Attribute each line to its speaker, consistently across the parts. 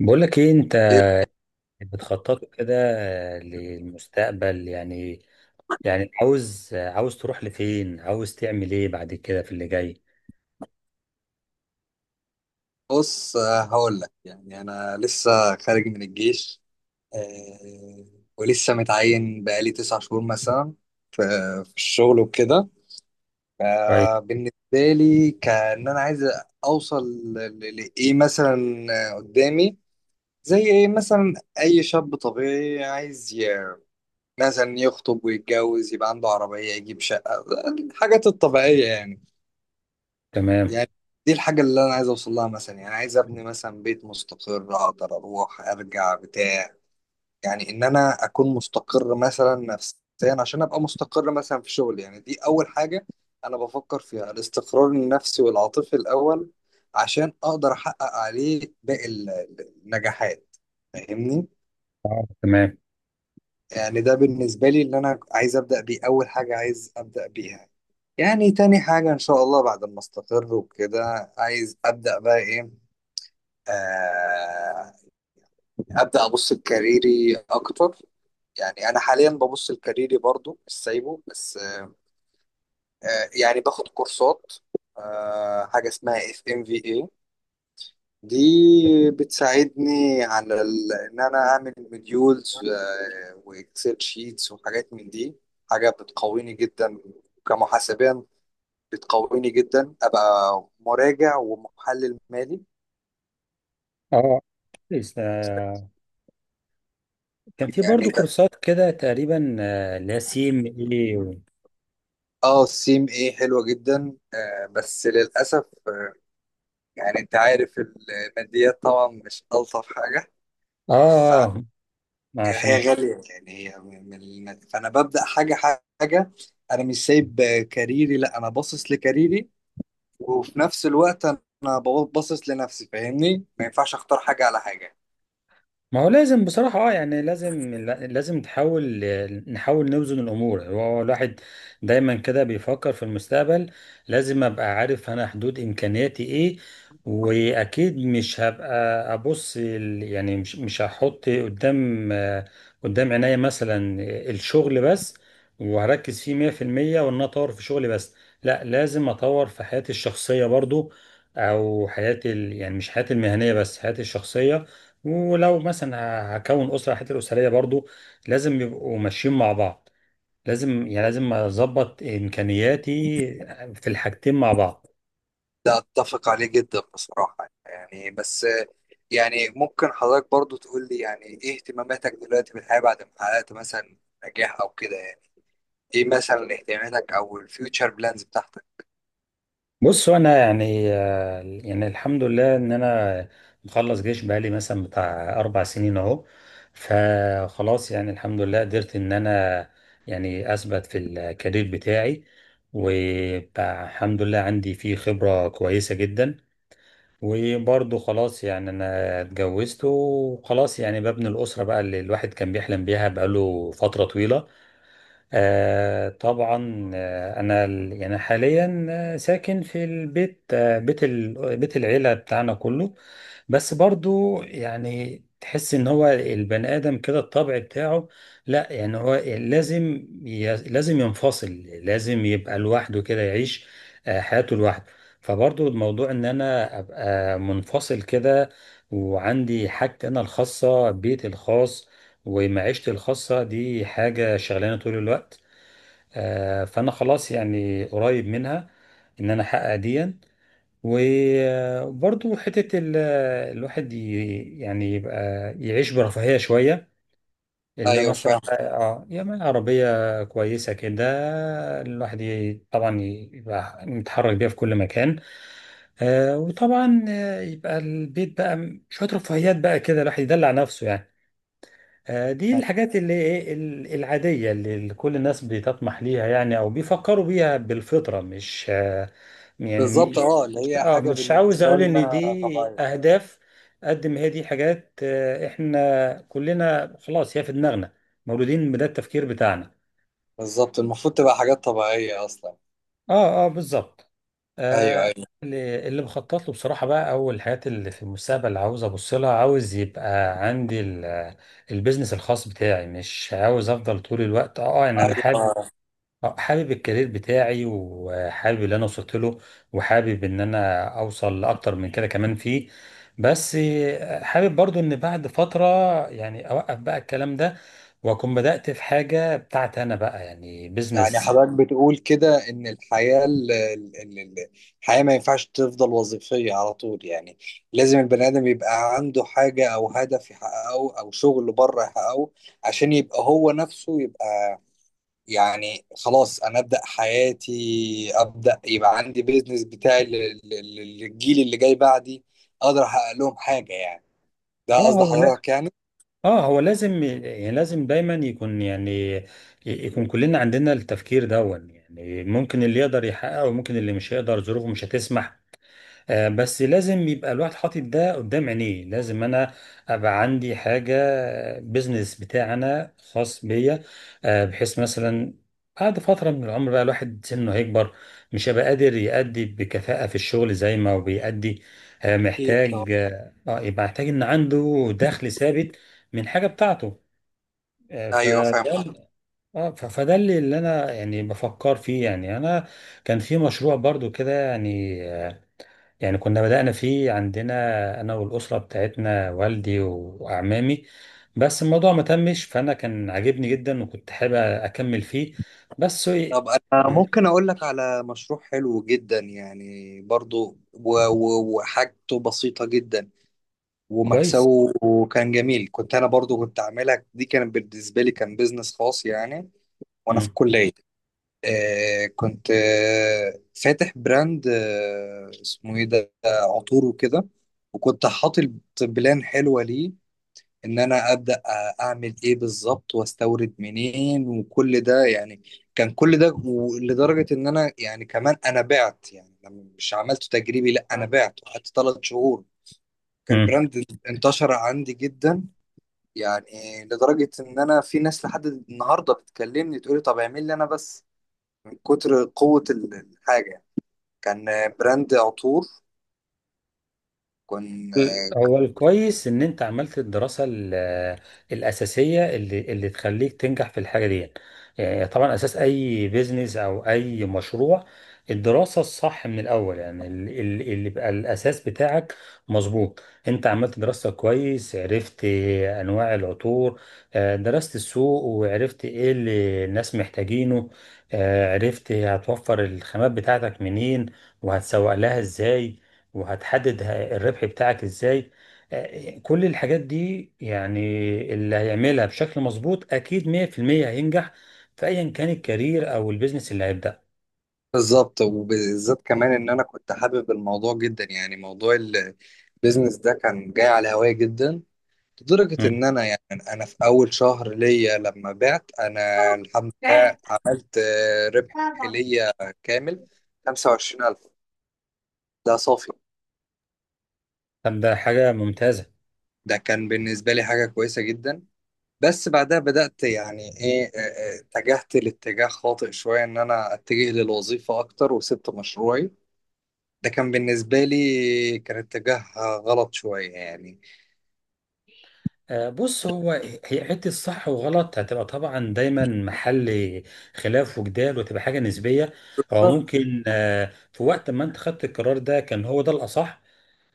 Speaker 1: بقولك ايه انت
Speaker 2: إيه،
Speaker 1: بتخطط كده للمستقبل يعني. يعني عاوز تروح لفين، عاوز تعمل ايه بعد كده في اللي جاي؟
Speaker 2: بص هقول لك يعني انا لسه خارج من الجيش. آه، ولسه متعين بقالي 9 شهور مثلا في في الشغل وكده.
Speaker 1: طيب.
Speaker 2: فبالنسبه لي كان انا عايز اوصل لايه مثلا قدامي، زي ايه مثلا. اي شاب طبيعي عايز مثلا يخطب ويتجوز، يبقى عنده عربيه، يجيب شقه، الحاجات الطبيعيه يعني.
Speaker 1: تمام.
Speaker 2: يعني دي الحاجة اللي أنا عايز أوصل لها، مثلا يعني عايز أبني مثلا بيت مستقر أقدر أروح أرجع بتاع، يعني إن أنا أكون مستقر مثلا نفسيا، عشان أبقى مستقر مثلا في شغلي. يعني دي أول حاجة أنا بفكر فيها، الاستقرار النفسي والعاطفي الأول، عشان أقدر أحقق عليه باقي النجاحات. فاهمني؟
Speaker 1: اه، تمام.
Speaker 2: يعني ده بالنسبة لي اللي أنا عايز أبدأ بيه، أول حاجة عايز أبدأ بيها. يعني تاني حاجة إن شاء الله بعد ما أستقر وكده عايز أبدأ بقى إيه، آه، ابدا ابص لكاريري اكتر. يعني انا حاليا ببص لكاريري برضو مش سايبه، بس يعني باخد كورسات. حاجه اسمها اف ام في اي دي، بتساعدني على ان انا اعمل مديولز واكسل شيتس وحاجات من دي. حاجه بتقويني جدا كمحاسبيا، بتقويني جدا ابقى مراجع ومحلل مالي
Speaker 1: اه، كويس. كان في
Speaker 2: يعني.
Speaker 1: برضو كورسات كده تقريبا، اللي هي سي ام اي.
Speaker 2: اه السيم ايه حلوة جدا آه، بس للأسف آه يعني انت عارف الماديات طبعا مش ألطف حاجة،
Speaker 1: اه. عشان.
Speaker 2: فهي غالية يعني، هي من فأنا ببدأ حاجة حاجة أنا مش سايب كاريري، لا أنا باصص لكاريري وفي نفس الوقت أنا باصص لنفسي. فاهمني؟ ما ينفعش أختار حاجة على حاجة.
Speaker 1: ما هو لازم بصراحة، يعني لازم نحاول نوزن الأمور. هو الواحد دايما كده بيفكر في المستقبل. لازم أبقى عارف أنا حدود إمكانياتي إيه، وأكيد مش هبقى يعني مش هحط قدام عينيا مثلا الشغل بس، وهركز فيه 100%، وإن أنا أطور في شغلي بس. لا، لازم أطور في حياتي الشخصية برضو، أو يعني مش حياتي المهنية بس حياتي الشخصية. ولو مثلا هكون اسره، حتى الاسريه برضو لازم يبقوا ماشيين مع بعض. لازم، يعني لازم اظبط امكانياتي في الحاجتين مع بعض.
Speaker 2: ده أتفق عليه جدا بصراحة يعني، بس يعني ممكن حضرتك برضو تقول لي يعني إيه اهتماماتك دلوقتي في الحياة بعد ما حققت مثلا نجاح أو كده. ايه مثلا اهتماماتك او الفيوتشر بلانز بتاعتك.
Speaker 1: بص، انا يعني يعني الحمد لله ان انا مخلص جيش بقالي مثلا بتاع 4 سنين اهو. فخلاص يعني الحمد لله قدرت ان انا يعني اثبت في الكارير بتاعي، والحمد لله عندي فيه خبره كويسه جدا. وبرضه خلاص يعني انا اتجوزت، وخلاص يعني ببني الاسره بقى اللي الواحد كان بيحلم بيها بقاله فتره طويله. طبعا، انا يعني حاليا ساكن في البيت، بيت العيله بتاعنا كله. بس برضو يعني تحس ان هو البني ادم كده الطبع بتاعه. لا، يعني هو لازم لازم ينفصل، لازم يبقى لوحده كده يعيش حياته لوحده. فبرضو الموضوع ان انا ابقى منفصل كده، وعندي حاجتي انا الخاصه، بيتي الخاص ومعيشتي الخاصة. دي حاجة شغلانة طول الوقت. فأنا خلاص يعني قريب منها إن أنا أحقق ديا. وبرضو حتة الواحد يعني يبقى يعيش برفاهية شوية، إلا
Speaker 2: ايوه
Speaker 1: مثلا
Speaker 2: فاهم.
Speaker 1: اه يعني عربية كويسة كده. الواحد طبعا يبقى متحرك بيها في كل مكان. وطبعا يبقى البيت بقى شوية رفاهيات بقى كده الواحد يدلع نفسه يعني. دي الحاجات اللي العادية اللي كل الناس بتطمح ليها، يعني أو بيفكروا بيها بالفطرة مش يعني
Speaker 2: بالظبط اه، اللي هي
Speaker 1: اه،
Speaker 2: حاجه
Speaker 1: مش عاوز
Speaker 2: بالنسبه
Speaker 1: أقول إن
Speaker 2: لنا
Speaker 1: دي
Speaker 2: طبيعيه.
Speaker 1: أهداف. قد ما هي دي حاجات، إحنا كلنا خلاص هي في دماغنا، مولودين بده التفكير بتاعنا.
Speaker 2: بالظبط، المفروض تبقى حاجات طبيعيه اصلا.
Speaker 1: اه، اه، بالظبط.
Speaker 2: ايوه
Speaker 1: آه
Speaker 2: ايوه.
Speaker 1: اللي بخطط له بصراحة بقى، أو الحاجات اللي في المستقبل اللي عاوز أبص لها، عاوز يبقى عندي البيزنس الخاص بتاعي. مش عاوز أفضل طول الوقت، إن أنا حابب.
Speaker 2: ايوه
Speaker 1: حابب الكارير بتاعي وحابب اللي أنا وصلت له، وحابب إن أنا أوصل لأكتر من كده كمان فيه. بس حابب برضو إن بعد فترة يعني أوقف بقى الكلام ده، وأكون بدأت في حاجة بتاعتي أنا بقى، يعني
Speaker 2: يعني
Speaker 1: بيزنس.
Speaker 2: حضرتك بتقول كده ان الحياه الحياه ما ينفعش تفضل وظيفيه على طول يعني، لازم البني ادم يبقى عنده حاجه او هدف يحققه او شغل بره يحققه، عشان يبقى هو نفسه يبقى، يعني خلاص انا ابدا حياتي، ابدا يبقى عندي بيزنس بتاعي للجيل اللي جاي بعدي، اقدر احقق لهم حاجه يعني. ده قصد
Speaker 1: اه،
Speaker 2: حضرتك يعني.
Speaker 1: اه، هو لازم، يعني لازم دايما يكون كلنا عندنا التفكير دون. يعني ممكن اللي يقدر يحققه، وممكن اللي مش هيقدر ظروفه مش هتسمح. بس لازم يبقى الواحد حاطط ده قدام عينيه، لازم انا ابقى عندي حاجه، بيزنس بتاعنا خاص بيا. بحيث مثلا بعد فتره من العمر بقى الواحد سنه هيكبر، مش هيبقى قادر يأدي بكفاءه في الشغل زي ما هو بيأدي.
Speaker 2: اكيد طب.
Speaker 1: محتاج، يبقى محتاج ان عنده دخل ثابت من حاجه بتاعته. آه،
Speaker 2: ايوه
Speaker 1: فده
Speaker 2: فاهم حضرتك.
Speaker 1: ال- اه ف- فده اللي انا يعني بفكر فيه، يعني انا كان في مشروع برضو كده يعني، يعني كنا بدأنا فيه عندنا، أنا والأسرة بتاعتنا، والدي وأعمامي. بس الموضوع ما تمش، فأنا كان عاجبني جدا وكنت حابب أكمل فيه. بس هو.
Speaker 2: طب انا
Speaker 1: إيه-
Speaker 2: ممكن اقول لك على مشروع حلو جدا يعني برضو وحاجته بسيطه جدا
Speaker 1: كويس.
Speaker 2: ومكسبه كان جميل. كنت انا برضو كنت عاملها دي، كانت بالنسبه لي كان بيزنس خاص يعني وانا في
Speaker 1: مم.
Speaker 2: الكليه. آه كنت آه فاتح براند آه اسمه ايه ده، عطور وكده. وكنت حاطط بلان حلوة ليه ان انا ابدا اعمل ايه بالظبط، واستورد منين، وكل ده يعني. كان كل ده لدرجة ان انا يعني كمان انا بعت، يعني مش عملته تجريبي، لا انا بعت وقعدت 3 شهور. كان
Speaker 1: مم.
Speaker 2: البراند انتشر عندي جدا، يعني لدرجة ان انا في ناس لحد النهاردة بتكلمني تقولي طب اعمل لي انا بس، كتر قوة الحاجة. كان براند عطور كان.
Speaker 1: هو الكويس ان انت عملت الدراسه الاساسيه اللي تخليك تنجح في الحاجه دي. يعني طبعا اساس اي بيزنس او اي مشروع، الدراسه الصح من الاول، يعني اللي يبقى الاساس بتاعك. مظبوط، انت عملت دراسه كويس، عرفت انواع العطور، درست السوق وعرفت ايه اللي الناس محتاجينه، عرفت هتوفر الخامات بتاعتك منين، وهتسوق لها ازاي، وهتحدد الربح بتاعك ازاي. كل الحاجات دي، يعني اللي هيعملها بشكل مظبوط اكيد 100% هينجح في ايا كان الكارير او البيزنس اللي هيبدأ.
Speaker 2: بالظبط، وبالذات كمان ان انا كنت حابب الموضوع جدا، يعني موضوع البيزنس ده كان جاي على هواي جدا، لدرجة
Speaker 1: مم.
Speaker 2: ان انا يعني انا في اول شهر ليا لما بعت، انا الحمد لله عملت ربح ليا كامل 25,000، ده صافي.
Speaker 1: طب ده حاجة ممتازة.
Speaker 2: ده كان بالنسبة لي حاجة كويسة جدا. بس بعدها بدأت يعني ايه اتجهت لاتجاه خاطئ شوية، ان انا اتجه للوظيفة اكتر وسبت مشروعي. ده كان بالنسبة لي كان اتجاه غلط شوية يعني.
Speaker 1: بص، هو هي حتة صح وغلط هتبقى طبعا دايما محل خلاف وجدال، وتبقى حاجة نسبية. هو
Speaker 2: بالظبط.
Speaker 1: ممكن في وقت ما انت خدت القرار ده كان هو ده الأصح،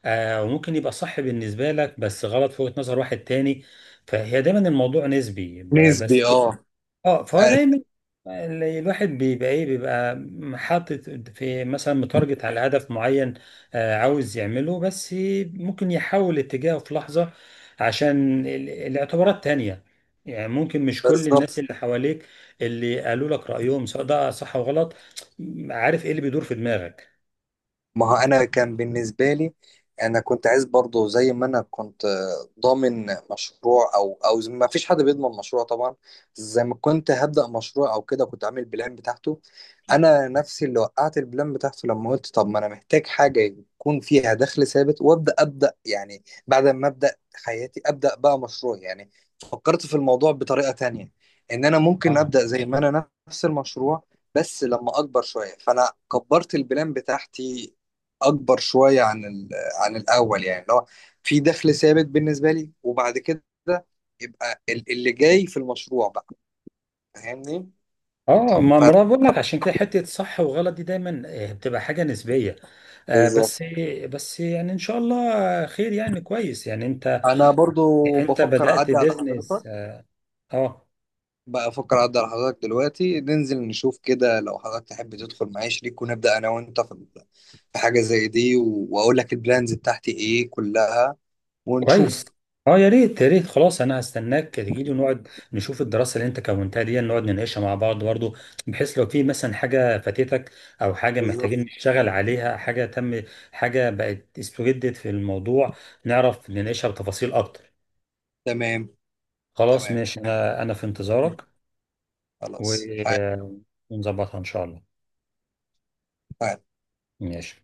Speaker 1: وممكن يبقى صح بالنسبة لك بس غلط في وجهة نظر واحد تاني. فهي دايما الموضوع نسبي،
Speaker 2: نسبي
Speaker 1: بس.
Speaker 2: اه.
Speaker 1: اه، فهو
Speaker 2: آه،
Speaker 1: دايما الواحد بيبقى حاطط في مثلا متارجت على هدف معين، عاوز يعمله. بس ممكن يحول اتجاهه في لحظة عشان الاعتبارات تانية. يعني ممكن مش كل
Speaker 2: بالظبط.
Speaker 1: الناس اللي حواليك اللي قالوا لك رأيهم، سواء ده صح وغلط، عارف ايه اللي بيدور في دماغك.
Speaker 2: ما هو انا كان بالنسبه لي، انا كنت عايز برضه زي ما انا كنت ضامن مشروع، او ما فيش حد بيضمن مشروع طبعا. زي ما كنت هبدا مشروع او كده، كنت عامل بلان بتاعته، انا نفسي اللي وقعت البلان بتاعته، لما قلت طب ما انا محتاج حاجه يكون فيها دخل ثابت وابدا، ابدا يعني بعد ما ابدا حياتي ابدا بقى مشروع يعني. فكرت في الموضوع بطريقه تانية، ان انا ممكن ابدا زي ما انا نفس المشروع بس لما اكبر شويه، فانا كبرت البلان بتاعتي اكبر شويه عن عن الاول، يعني اللي هو في دخل ثابت بالنسبه لي، وبعد كده يبقى اللي جاي في المشروع بقى. فاهمني؟
Speaker 1: اه، ما انا
Speaker 2: ف-
Speaker 1: بقول لك عشان كده حته صح وغلط دي دايما بتبقى حاجه نسبيه، آه،
Speaker 2: بالظبط.
Speaker 1: بس بس يعني ان شاء الله خير، يعني كويس، يعني انت
Speaker 2: انا برضو
Speaker 1: انت
Speaker 2: بفكر
Speaker 1: بدات
Speaker 2: اعدي على
Speaker 1: بيزنس،
Speaker 2: حضرتك،
Speaker 1: اه. آه،
Speaker 2: بقى افكر اعدي على حضرتك دلوقتي ننزل نشوف كده، لو حضرتك تحب تدخل معايا شريك، ونبدا انا وانت في في حاجه زي دي، واقول لك البلانز بتاعتي ايه كلها
Speaker 1: كويس.
Speaker 2: ونشوف.
Speaker 1: اه، يا ريت يا ريت، خلاص انا هستناك تجيلي ونقعد نشوف الدراسه اللي انت كونتها دي، نقعد نناقشها مع بعض برضه، بحيث لو في مثلا حاجه فاتتك، او حاجه محتاجين
Speaker 2: بالظبط.
Speaker 1: نشتغل عليها، حاجه تم، حاجه بقت استجدت في الموضوع، نعرف نناقشها بتفاصيل اكتر.
Speaker 2: تمام.
Speaker 1: خلاص
Speaker 2: تمام
Speaker 1: ماشي، انا في انتظارك.
Speaker 2: خلاص حاجة
Speaker 1: و- ونظبطها إن شاء الله. ماشي.